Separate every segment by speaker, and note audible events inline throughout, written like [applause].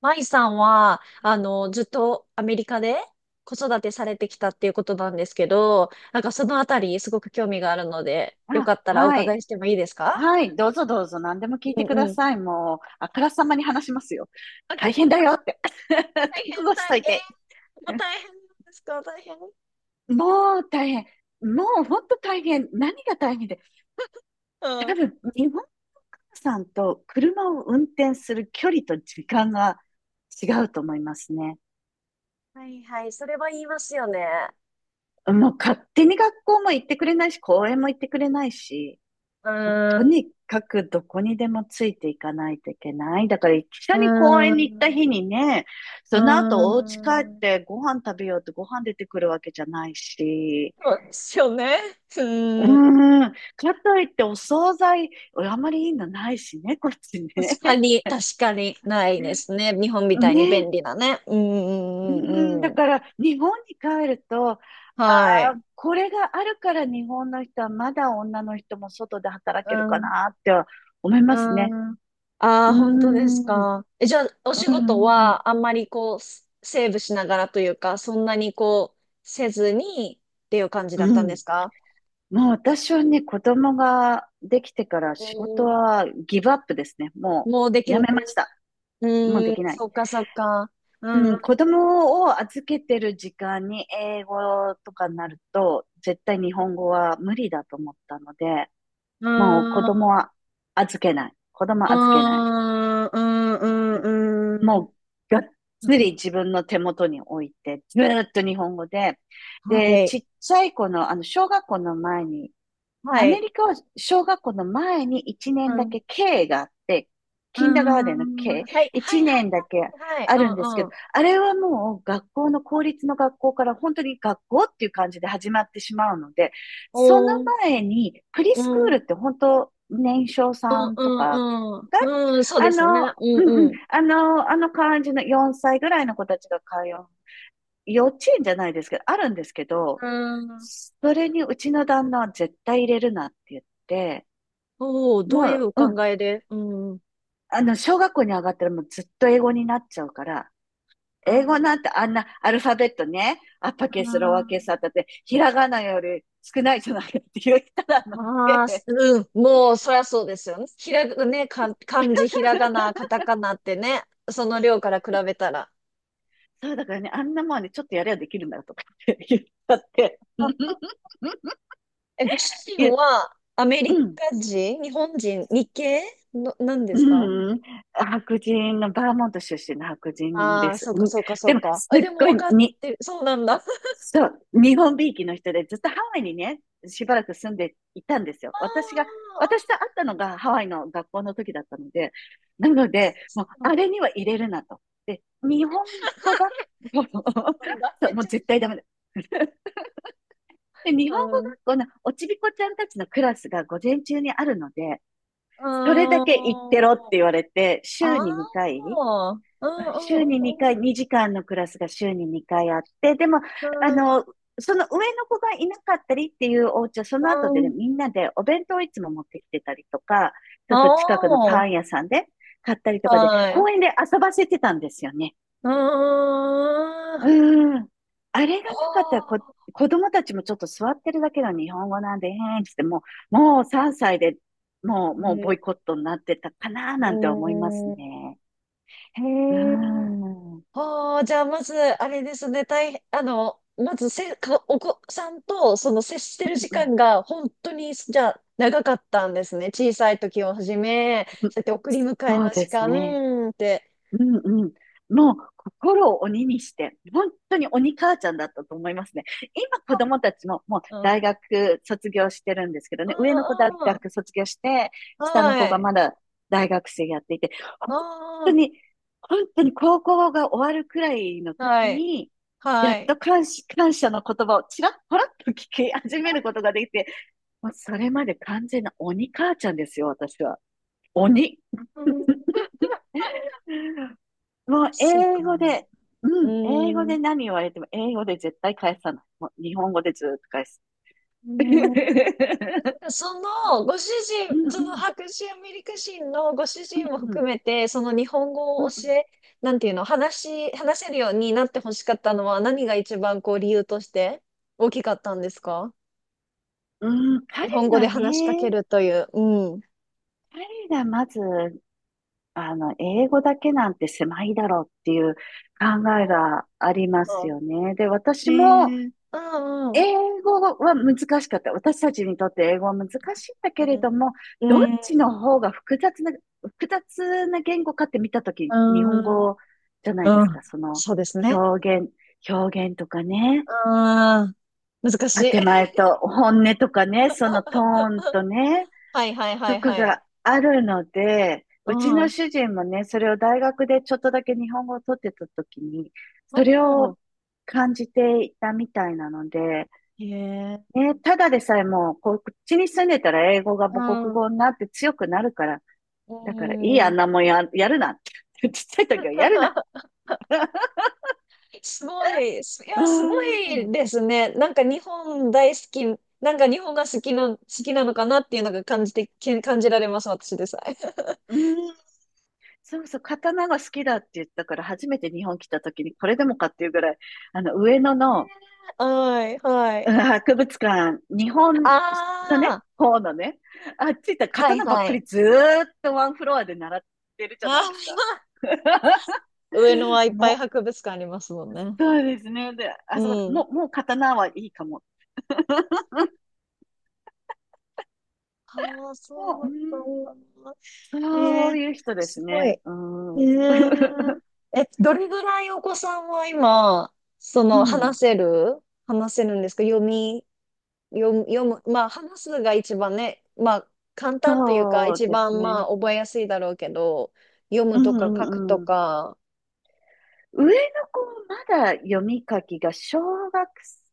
Speaker 1: 舞さんは、ずっとアメリカで子育てされてきたっていうことなんですけど、なんかそのあたりすごく興味があるので、よか
Speaker 2: あ、
Speaker 1: ったらお
Speaker 2: は
Speaker 1: 伺
Speaker 2: い。
Speaker 1: いしてもいいですか？
Speaker 2: はい。どうぞどうぞ。何でも聞い
Speaker 1: う
Speaker 2: てくだ
Speaker 1: んうん。
Speaker 2: さい。もう、あからさまに話しますよ。
Speaker 1: あ、大
Speaker 2: 大変だよって。[laughs] 覚
Speaker 1: 変、
Speaker 2: 悟しと
Speaker 1: 大
Speaker 2: い
Speaker 1: 変。
Speaker 2: て。
Speaker 1: もう
Speaker 2: [laughs]
Speaker 1: 大変ですか？大変。う
Speaker 2: もう大変。もう本当大変。何が大変で。多
Speaker 1: ん。
Speaker 2: 分、日本さんと車を運転する距離と時間が違うと思いますね。
Speaker 1: はいはい、それは言いますよね。
Speaker 2: もう勝手に学校も行ってくれないし、公園も行ってくれないし。
Speaker 1: う
Speaker 2: もう
Speaker 1: ー
Speaker 2: と
Speaker 1: ん、
Speaker 2: にかくどこにでもついていかないといけない。だから一緒
Speaker 1: うー
Speaker 2: に公園に行った日
Speaker 1: ん、
Speaker 2: にね、
Speaker 1: う
Speaker 2: その後お家帰っ
Speaker 1: ーん。
Speaker 2: てご飯食べようってご飯出てくるわけじゃないし、
Speaker 1: そうですよね。うーん。
Speaker 2: かといってお惣菜、あまりいいのないしね、こっち
Speaker 1: 確
Speaker 2: ね。
Speaker 1: かに、確かにないで
Speaker 2: [laughs]
Speaker 1: すね。日本みたいに
Speaker 2: ね、
Speaker 1: 便利なね。うん、う
Speaker 2: う
Speaker 1: ん、うん、
Speaker 2: だ
Speaker 1: うん。
Speaker 2: から日本に帰ると、
Speaker 1: は
Speaker 2: あ
Speaker 1: い。
Speaker 2: あ、これがあるから日本の人はまだ女の人も外で働ける
Speaker 1: う
Speaker 2: か
Speaker 1: ん。
Speaker 2: なって思い
Speaker 1: う
Speaker 2: ますね。
Speaker 1: ん。ああ、
Speaker 2: うー
Speaker 1: 本当です
Speaker 2: ん。
Speaker 1: か？え、じゃあ、お仕
Speaker 2: う
Speaker 1: 事
Speaker 2: んうん
Speaker 1: はあんまりこう、セセーブしながらというか、そんなにこう、せずにっていう感じだっ
Speaker 2: う
Speaker 1: たんで
Speaker 2: ん。
Speaker 1: すか？
Speaker 2: もう私はね、子供ができてから
Speaker 1: う
Speaker 2: 仕事
Speaker 1: ん。
Speaker 2: はギブアップですね。も
Speaker 1: もうで
Speaker 2: う
Speaker 1: き
Speaker 2: や
Speaker 1: ん、
Speaker 2: めました。もう
Speaker 1: う
Speaker 2: で
Speaker 1: ん、
Speaker 2: きない。
Speaker 1: そっかそっか。う
Speaker 2: う
Speaker 1: ん、うん、
Speaker 2: ん、子供を預けてる時間に英語とかになると、絶対日本語は無理だと思ったので、もう子
Speaker 1: う
Speaker 2: 供は預けない。子供は預けない。
Speaker 1: ん、うん、うん。うん
Speaker 2: もうがっ
Speaker 1: そっ
Speaker 2: つ
Speaker 1: か
Speaker 2: り自分の手元に置いて、ずーっと日本語で、
Speaker 1: はい、
Speaker 2: ちっちゃい子の、小学校の前に
Speaker 1: は
Speaker 2: アメ
Speaker 1: い。
Speaker 2: リカは小学校の前に1
Speaker 1: う
Speaker 2: 年だ
Speaker 1: ん、
Speaker 2: け K があって、キンダーガー
Speaker 1: う
Speaker 2: デンの
Speaker 1: ん。
Speaker 2: K、
Speaker 1: はい、はい、は
Speaker 2: 1
Speaker 1: い、
Speaker 2: 年だけ
Speaker 1: はい、はい。
Speaker 2: あ
Speaker 1: う
Speaker 2: るんです
Speaker 1: ん、
Speaker 2: け
Speaker 1: う
Speaker 2: ど、
Speaker 1: ん。
Speaker 2: あれはもう学校の公立の学校から本当に学校っていう感じで始まってしまうので、その
Speaker 1: おー。
Speaker 2: 前にプリスクールって本当年少
Speaker 1: う
Speaker 2: さ
Speaker 1: ん
Speaker 2: ん
Speaker 1: う
Speaker 2: とか
Speaker 1: んう
Speaker 2: が、
Speaker 1: ん。うん、そう
Speaker 2: あ
Speaker 1: ですね。
Speaker 2: の、
Speaker 1: うんうん。
Speaker 2: あの感じの4歳ぐらいの子たちが通う幼稚園じゃないですけど、あるんですけど、
Speaker 1: うん。
Speaker 2: それにうちの旦那は絶対入れるなって言って、
Speaker 1: おお、ど
Speaker 2: も
Speaker 1: ういうお
Speaker 2: う、うん、
Speaker 1: 考えで？うん。
Speaker 2: あの、小学校に上がったらもうずっと英語になっちゃうから、
Speaker 1: あ
Speaker 2: 英語な
Speaker 1: あ、
Speaker 2: んてあんなアルファベットね、アッパーケース、ローアーケー
Speaker 1: あ
Speaker 2: スあったって、ひらがなより少ないじゃないかって言ったらの
Speaker 1: あ、
Speaker 2: で、
Speaker 1: うん。もう、そりゃそうですよね。ひらが、ね、か、漢字、ひらがな、カタカナってね、その量から比べたら。
Speaker 2: そうだからね、あんなもんね、ちょっとやればできるんだよとかって言ったって、
Speaker 1: あ
Speaker 2: [laughs]
Speaker 1: ご主人
Speaker 2: 言っ
Speaker 1: はアメリ
Speaker 2: うん、
Speaker 1: カ人、日本人、日系の、なんですか？
Speaker 2: うん、白人の、バーモント出身の白人
Speaker 1: あ
Speaker 2: で
Speaker 1: あー、
Speaker 2: す。
Speaker 1: そうか
Speaker 2: うん、
Speaker 1: そうかそ
Speaker 2: で
Speaker 1: う
Speaker 2: も、
Speaker 1: か。
Speaker 2: す
Speaker 1: え、
Speaker 2: っ
Speaker 1: でも
Speaker 2: ごい
Speaker 1: 分かっ
Speaker 2: に
Speaker 1: てる。そうなんだ。[laughs] あー
Speaker 2: そう、日本びいきの人で、ずっとハワイにね、しばらく住んでいたんですよ。私と会ったのがハワイの学校の時だったので、なので、もう、
Speaker 1: あー、そ
Speaker 2: あ
Speaker 1: う
Speaker 2: れには入れるなと。で、日本語学校の
Speaker 1: なんだ。
Speaker 2: [laughs] そ
Speaker 1: め
Speaker 2: う、
Speaker 1: っ
Speaker 2: も
Speaker 1: ち
Speaker 2: う
Speaker 1: ゃ、
Speaker 2: 絶対ダメだ。[laughs] で、日
Speaker 1: う
Speaker 2: 本語学
Speaker 1: ん。
Speaker 2: 校のおちびこちゃんたちのクラスが午前中にあるので、
Speaker 1: う
Speaker 2: それだ
Speaker 1: ー
Speaker 2: け行ってろって
Speaker 1: ん。
Speaker 2: 言われて、
Speaker 1: ああ。うん
Speaker 2: 週に
Speaker 1: う
Speaker 2: 2回、
Speaker 1: ん
Speaker 2: 2時間のクラスが週に2回あって、でも、
Speaker 1: う
Speaker 2: あの、
Speaker 1: ん
Speaker 2: その上の子がいなかったりっていうお家は、そ
Speaker 1: う
Speaker 2: の後で
Speaker 1: ん。う
Speaker 2: ね、
Speaker 1: ん。
Speaker 2: みんなでお弁当をいつも持ってきてたりとか、ちょっと近くの
Speaker 1: あ
Speaker 2: パン屋さんで買ったり
Speaker 1: あ。
Speaker 2: とかで、
Speaker 1: はい。
Speaker 2: 公園で遊ばせてたんですよね。
Speaker 1: うーん。は
Speaker 2: うん。あれがなかったら
Speaker 1: あ。
Speaker 2: 子供たちもちょっと座ってるだけの日本語なんで、へーんってもう3歳で
Speaker 1: う
Speaker 2: もうボ
Speaker 1: ん。
Speaker 2: イコットになってたかな
Speaker 1: う
Speaker 2: なんて思います
Speaker 1: ん
Speaker 2: ね。
Speaker 1: へ
Speaker 2: う
Speaker 1: え。
Speaker 2: ん。うん
Speaker 1: はあ。じゃあ、まず、あれですね。大変、まずせ、か、お子さんと、その、接してる時
Speaker 2: うん。
Speaker 1: 間が、本当に、じゃあ、長かったんですね。小さい時をはじめ、そうやって送り迎え
Speaker 2: そう
Speaker 1: の
Speaker 2: で
Speaker 1: 時
Speaker 2: すね。
Speaker 1: 間って。
Speaker 2: うんうん。もう心を鬼にして、本当に鬼母ちゃんだったと思いますね。今子供たちももう
Speaker 1: うん。うん
Speaker 2: 大学卒業してるんですけどね、上の子大
Speaker 1: うん
Speaker 2: 学卒業して、下の
Speaker 1: は
Speaker 2: 子が
Speaker 1: い。
Speaker 2: まだ大学生やっていて、本当
Speaker 1: あ
Speaker 2: に、本当に高校が終わるくらいの
Speaker 1: あ、は
Speaker 2: 時
Speaker 1: い。
Speaker 2: に、や
Speaker 1: は
Speaker 2: っと
Speaker 1: い。
Speaker 2: 感謝の言葉をちらっぽらっと聞き始めることができて、もうそれまで完全な鬼母ちゃんですよ、私は。鬼。
Speaker 1: うん。
Speaker 2: もう
Speaker 1: そうか。
Speaker 2: 英語で、う
Speaker 1: う
Speaker 2: ん、英語
Speaker 1: ーん。
Speaker 2: で何言われても、英語で絶対返さない。もう日本語でずーっと返す。
Speaker 1: うん。
Speaker 2: [laughs]
Speaker 1: [laughs] その、ご主
Speaker 2: うん
Speaker 1: 人、
Speaker 2: う
Speaker 1: その
Speaker 2: ん、
Speaker 1: 白人アメリカ人のご主人も
Speaker 2: うんう
Speaker 1: 含
Speaker 2: ん、
Speaker 1: めて、その日本語
Speaker 2: うん
Speaker 1: を
Speaker 2: うん。
Speaker 1: 教え、なんていうの、話せるようになってほしかったのは何が一番こう理由として大きかったんですか？
Speaker 2: うん、
Speaker 1: 日本語で話しかけるという。うん。
Speaker 2: 彼がまず、英語だけなんて狭いだろうっていう考
Speaker 1: あ
Speaker 2: えがあります
Speaker 1: あ、
Speaker 2: よね。で、私
Speaker 1: ね
Speaker 2: も、
Speaker 1: え。うんうん。
Speaker 2: 英語は難しかった。私たちにとって英語は難しいんだけれども、
Speaker 1: う
Speaker 2: どっ
Speaker 1: ん。
Speaker 2: ちの方が複雑な言語かって見たとき、
Speaker 1: う
Speaker 2: 日本
Speaker 1: ん。う
Speaker 2: 語じゃないで
Speaker 1: んう
Speaker 2: すか。
Speaker 1: ん。
Speaker 2: その
Speaker 1: そうですね。
Speaker 2: 表現、表現とかね、
Speaker 1: ああ、難しい。
Speaker 2: 建前と本音とかね、そのトーンとね、
Speaker 1: [laughs] はいはいは
Speaker 2: と
Speaker 1: い
Speaker 2: か
Speaker 1: はい。
Speaker 2: があるので、
Speaker 1: う
Speaker 2: うち
Speaker 1: ん。
Speaker 2: の
Speaker 1: う
Speaker 2: 主人もね、それを大学でちょっとだけ日本語を取ってたときに、それ
Speaker 1: ん。
Speaker 2: を感じていたみたいなので、
Speaker 1: へえ。
Speaker 2: ね、ただでさえもう、こっちに住んでたら英語が
Speaker 1: う
Speaker 2: 母国
Speaker 1: ん。
Speaker 2: 語になって強くなるから、
Speaker 1: う
Speaker 2: だからいいあん
Speaker 1: ん。
Speaker 2: なもんや、やるなって。[laughs] ちっちゃい時はやるな。
Speaker 1: [laughs] すごい、
Speaker 2: うー
Speaker 1: すごい
Speaker 2: ん。
Speaker 1: ですね。なんか日本大好き、なんか日本が好きな、のかなっていうのが感じて、感じられます、私でさえ。
Speaker 2: うーん。そうそう、刀が好きだって言ったから、初めて日本来た時にこれでもかっていうぐらい、上野の
Speaker 1: [laughs] はい、は
Speaker 2: う
Speaker 1: い。
Speaker 2: ん博物館、日本の
Speaker 1: あ
Speaker 2: ね、
Speaker 1: あ、
Speaker 2: 方のね、あっち行ったら
Speaker 1: はい、
Speaker 2: 刀ばっ
Speaker 1: は
Speaker 2: かり
Speaker 1: い。
Speaker 2: ずーっとワンフロアで習ってるじゃないですか。
Speaker 1: ああ、[laughs] 上野はい
Speaker 2: [laughs]
Speaker 1: っぱい
Speaker 2: も
Speaker 1: 博物館ありますもん
Speaker 2: う、
Speaker 1: ね。
Speaker 2: そうですね。で、
Speaker 1: う
Speaker 2: あそこ、
Speaker 1: ん。
Speaker 2: もう刀はいいかも。
Speaker 1: ああ、そうだ
Speaker 2: う
Speaker 1: った
Speaker 2: ん、
Speaker 1: んだ。
Speaker 2: そ
Speaker 1: え
Speaker 2: う
Speaker 1: ー、
Speaker 2: いう人で
Speaker 1: す
Speaker 2: す
Speaker 1: ごい。
Speaker 2: ね。うん。[laughs]
Speaker 1: ー、どれぐらいお子さんは今、そ
Speaker 2: う
Speaker 1: の、話
Speaker 2: ん。
Speaker 1: せる話せるんですか？読む、まあ、話すが一番ね、まあ、簡単というか、
Speaker 2: そう
Speaker 1: 一
Speaker 2: です
Speaker 1: 番、ま
Speaker 2: ね。
Speaker 1: あ、覚えやすいだろうけど、読
Speaker 2: う
Speaker 1: むとか書くと
Speaker 2: んうん。
Speaker 1: か。
Speaker 2: 上の子まだ読み書きが小学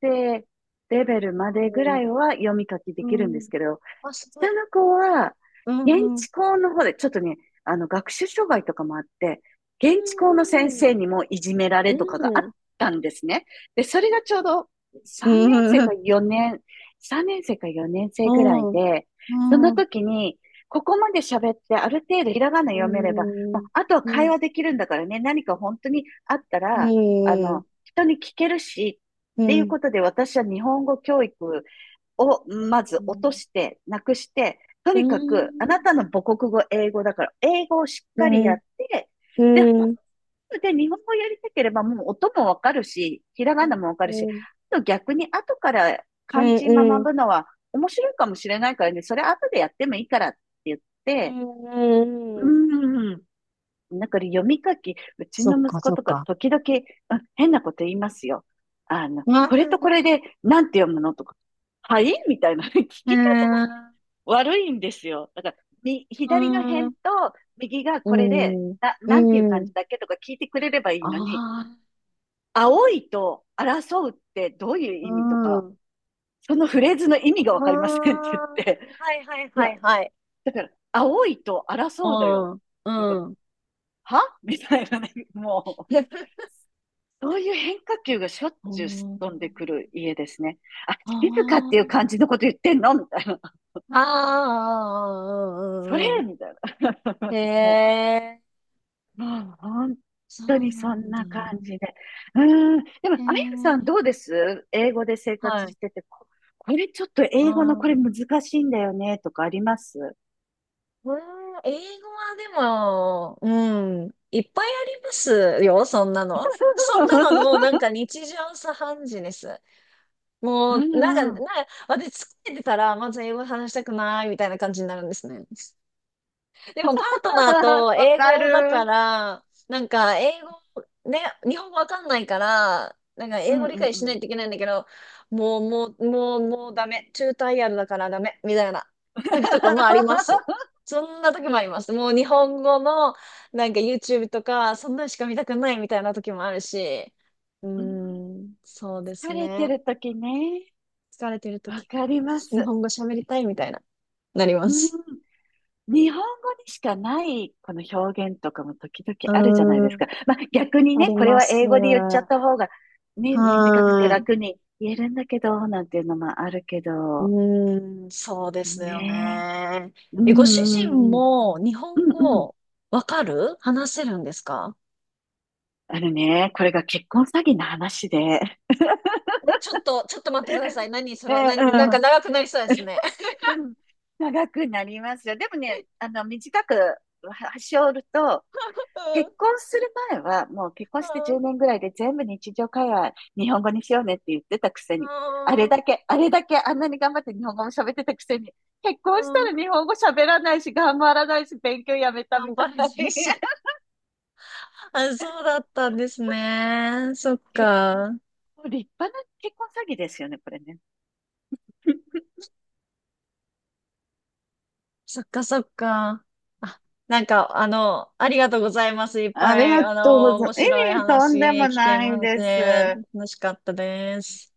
Speaker 2: 生レベルまでぐらいは読み書きで
Speaker 1: う
Speaker 2: きる
Speaker 1: ん。
Speaker 2: ん
Speaker 1: う
Speaker 2: です
Speaker 1: ん。
Speaker 2: けど、
Speaker 1: あ、すごい。
Speaker 2: 下の子は
Speaker 1: う
Speaker 2: 現
Speaker 1: ん、うん。
Speaker 2: 地校の方で、ちょっとね、あの学習障害とかもあって、現地校の先生にもいじめら
Speaker 1: う
Speaker 2: れとかが
Speaker 1: ん、
Speaker 2: あっ
Speaker 1: うん。
Speaker 2: たんですね。で、それがちょうど
Speaker 1: う
Speaker 2: 3年
Speaker 1: ん、
Speaker 2: 生
Speaker 1: う
Speaker 2: か
Speaker 1: ん。
Speaker 2: 4年、3年生か4年
Speaker 1: う
Speaker 2: 生ぐらい
Speaker 1: ん。
Speaker 2: で、
Speaker 1: う
Speaker 2: そ
Speaker 1: ん。
Speaker 2: の
Speaker 1: うん
Speaker 2: 時に、ここまで喋ってある程度ひらがな
Speaker 1: う
Speaker 2: 読めればま
Speaker 1: ん、
Speaker 2: あ、あとは
Speaker 1: う
Speaker 2: 会
Speaker 1: ん、
Speaker 2: 話できるんだからね、何か本当にあったら、
Speaker 1: うん、
Speaker 2: 人に聞けるし、
Speaker 1: う
Speaker 2: っ
Speaker 1: ん、
Speaker 2: てい
Speaker 1: う
Speaker 2: う
Speaker 1: ん、
Speaker 2: ことで私は日本語教育をまず落として、なくして、と
Speaker 1: うん、
Speaker 2: にか
Speaker 1: う
Speaker 2: くあ
Speaker 1: ん、
Speaker 2: なたの母国語、英語だから、英語をしっ
Speaker 1: う
Speaker 2: かりやっ
Speaker 1: ん、
Speaker 2: て、で、本当で日本語やりたければもう音もわかるし、ひらがなもわかるし、あと逆に後から漢字
Speaker 1: う
Speaker 2: 学
Speaker 1: ん、
Speaker 2: ぶのは面白いかもしれないからね、それ後でやってもいいからって言って、
Speaker 1: う
Speaker 2: う
Speaker 1: ん、
Speaker 2: ん、なんか読み書き、うち
Speaker 1: そ
Speaker 2: の
Speaker 1: っ
Speaker 2: 息
Speaker 1: か、
Speaker 2: 子
Speaker 1: そっ
Speaker 2: とか
Speaker 1: か。
Speaker 2: 時々、うん変なこと言いますよ。あの、
Speaker 1: あ
Speaker 2: これとこれでなんて読むのとか、はいみたいな [laughs] 聞
Speaker 1: う
Speaker 2: き方が
Speaker 1: ん、
Speaker 2: 悪いんですよ。だから、左の
Speaker 1: う
Speaker 2: 辺
Speaker 1: ん、
Speaker 2: と右が
Speaker 1: う
Speaker 2: これで、
Speaker 1: ん、
Speaker 2: なんていう
Speaker 1: う
Speaker 2: 感
Speaker 1: ん、
Speaker 2: じだっけとか聞いてくれればいいのに、
Speaker 1: あ
Speaker 2: 青いと争うってどういう
Speaker 1: あ、
Speaker 2: 意味と
Speaker 1: う
Speaker 2: か、
Speaker 1: ん、
Speaker 2: そのフレーズの意
Speaker 1: あ
Speaker 2: 味がわかりませ
Speaker 1: あ、
Speaker 2: んって言って、
Speaker 1: はいはい
Speaker 2: い
Speaker 1: は
Speaker 2: や、
Speaker 1: いはい。
Speaker 2: だから、青いと争うだよ。
Speaker 1: うん、
Speaker 2: か
Speaker 1: うん。
Speaker 2: はみたいなね、もう。そういう変化球がしょっちゅうすっ飛んでくる家ですね。あ、静かってい
Speaker 1: あ
Speaker 2: う感じのこと言ってんのみたいな。[laughs]
Speaker 1: あ、ああ、
Speaker 2: それ
Speaker 1: うん、うん、
Speaker 2: みたいな。
Speaker 1: へ
Speaker 2: [laughs] も
Speaker 1: え、
Speaker 2: もう本
Speaker 1: そ
Speaker 2: 当
Speaker 1: う
Speaker 2: に
Speaker 1: な
Speaker 2: そん
Speaker 1: んだ。
Speaker 2: な感じで。うーん。でも、
Speaker 1: へ
Speaker 2: あやさん
Speaker 1: え、
Speaker 2: どうです英語で生
Speaker 1: は
Speaker 2: 活
Speaker 1: い。
Speaker 2: してて、これちょっと
Speaker 1: う
Speaker 2: 英語のこれ
Speaker 1: ん。
Speaker 2: 難しいんだよねとかあります？
Speaker 1: これ英語はでも、うん、いっぱいありますよ、そんなの。そんなのもうな
Speaker 2: [laughs]
Speaker 1: んか日常茶飯事です。
Speaker 2: う
Speaker 1: もう、なんか、な
Speaker 2: んう
Speaker 1: ん
Speaker 2: ん。
Speaker 1: か、私疲れてたら、まず英語話したくないみたいな感じになるんですね。でもパートナー
Speaker 2: [laughs]
Speaker 1: と
Speaker 2: わ
Speaker 1: 英
Speaker 2: か
Speaker 1: 語だか
Speaker 2: る。
Speaker 1: ら、なんか英語、ね、日本語わかんないから、なんか
Speaker 2: う
Speaker 1: 英語
Speaker 2: んう
Speaker 1: 理
Speaker 2: ん
Speaker 1: 解
Speaker 2: う
Speaker 1: しな
Speaker 2: ん。
Speaker 1: いといけないんだけど、もう、もう、もう、もうダメ。中退やるだからダメ。みたいな時とかもあります。
Speaker 2: [laughs]
Speaker 1: そんな時もあります。もう日本語のなんか YouTube とか、そんなのしか見たくないみたいな時もあるし。うー
Speaker 2: うん。
Speaker 1: ん、そうです
Speaker 2: 疲れ
Speaker 1: ね。
Speaker 2: てる時ね。
Speaker 1: 疲れてる
Speaker 2: わ
Speaker 1: 時、
Speaker 2: かりま
Speaker 1: 日
Speaker 2: す。
Speaker 1: 本語喋りたいみたいな、なりま
Speaker 2: うん。
Speaker 1: す。
Speaker 2: 日本語にしかないこの表現とかも時々
Speaker 1: う
Speaker 2: あるじゃない
Speaker 1: ー
Speaker 2: です
Speaker 1: ん、
Speaker 2: か。まあ逆に
Speaker 1: あ
Speaker 2: ね、
Speaker 1: り
Speaker 2: これ
Speaker 1: ま
Speaker 2: は
Speaker 1: す。
Speaker 2: 英語で言っちゃった方がね、短くて
Speaker 1: はーい。
Speaker 2: 楽に言えるんだけど、なんていうのもあるけ
Speaker 1: う
Speaker 2: ど、
Speaker 1: ーん、そうですよ
Speaker 2: ね
Speaker 1: ね。
Speaker 2: え。う
Speaker 1: え、ご主
Speaker 2: んう
Speaker 1: 人
Speaker 2: んうん。
Speaker 1: も日
Speaker 2: う
Speaker 1: 本
Speaker 2: んうん。
Speaker 1: 語わかる話せるんですか？
Speaker 2: あのね、これが結婚詐欺の話で。
Speaker 1: えちょっと、ちょっと、待ってください。何
Speaker 2: [laughs]
Speaker 1: そ
Speaker 2: う
Speaker 1: れ、なんか
Speaker 2: ん
Speaker 1: 長くなりそうですね。
Speaker 2: うん。[laughs] 長くなりますよ。でもね、短くはし折ると、
Speaker 1: [laughs] う
Speaker 2: 結婚する前は、もう結婚して10
Speaker 1: ん
Speaker 2: 年ぐらいで全部日常会話日本語にしようねって言ってたくせ
Speaker 1: う
Speaker 2: に、あれ
Speaker 1: ん
Speaker 2: だけ、あれだけあんなに頑張って日本語も喋ってたくせに、結
Speaker 1: う
Speaker 2: 婚し
Speaker 1: ん
Speaker 2: た
Speaker 1: う
Speaker 2: ら
Speaker 1: ん
Speaker 2: 日本語喋らないし、頑張らないし、勉強やめたみ
Speaker 1: 頑
Speaker 2: た
Speaker 1: 張
Speaker 2: い。
Speaker 1: れ、先生。
Speaker 2: [laughs]
Speaker 1: あ、そうだったんですね。そっ
Speaker 2: 結
Speaker 1: か。
Speaker 2: 構立派な結婚詐欺ですよね、これね。
Speaker 1: そっかそっか。あ、なんか、ありがとうございます。いっ
Speaker 2: あ
Speaker 1: ぱ
Speaker 2: り
Speaker 1: い、
Speaker 2: がとうございま
Speaker 1: 面
Speaker 2: す。い
Speaker 1: 白い
Speaker 2: えいとんで
Speaker 1: 話
Speaker 2: も
Speaker 1: 聞け
Speaker 2: ない
Speaker 1: まし
Speaker 2: です。
Speaker 1: て、楽しかったです。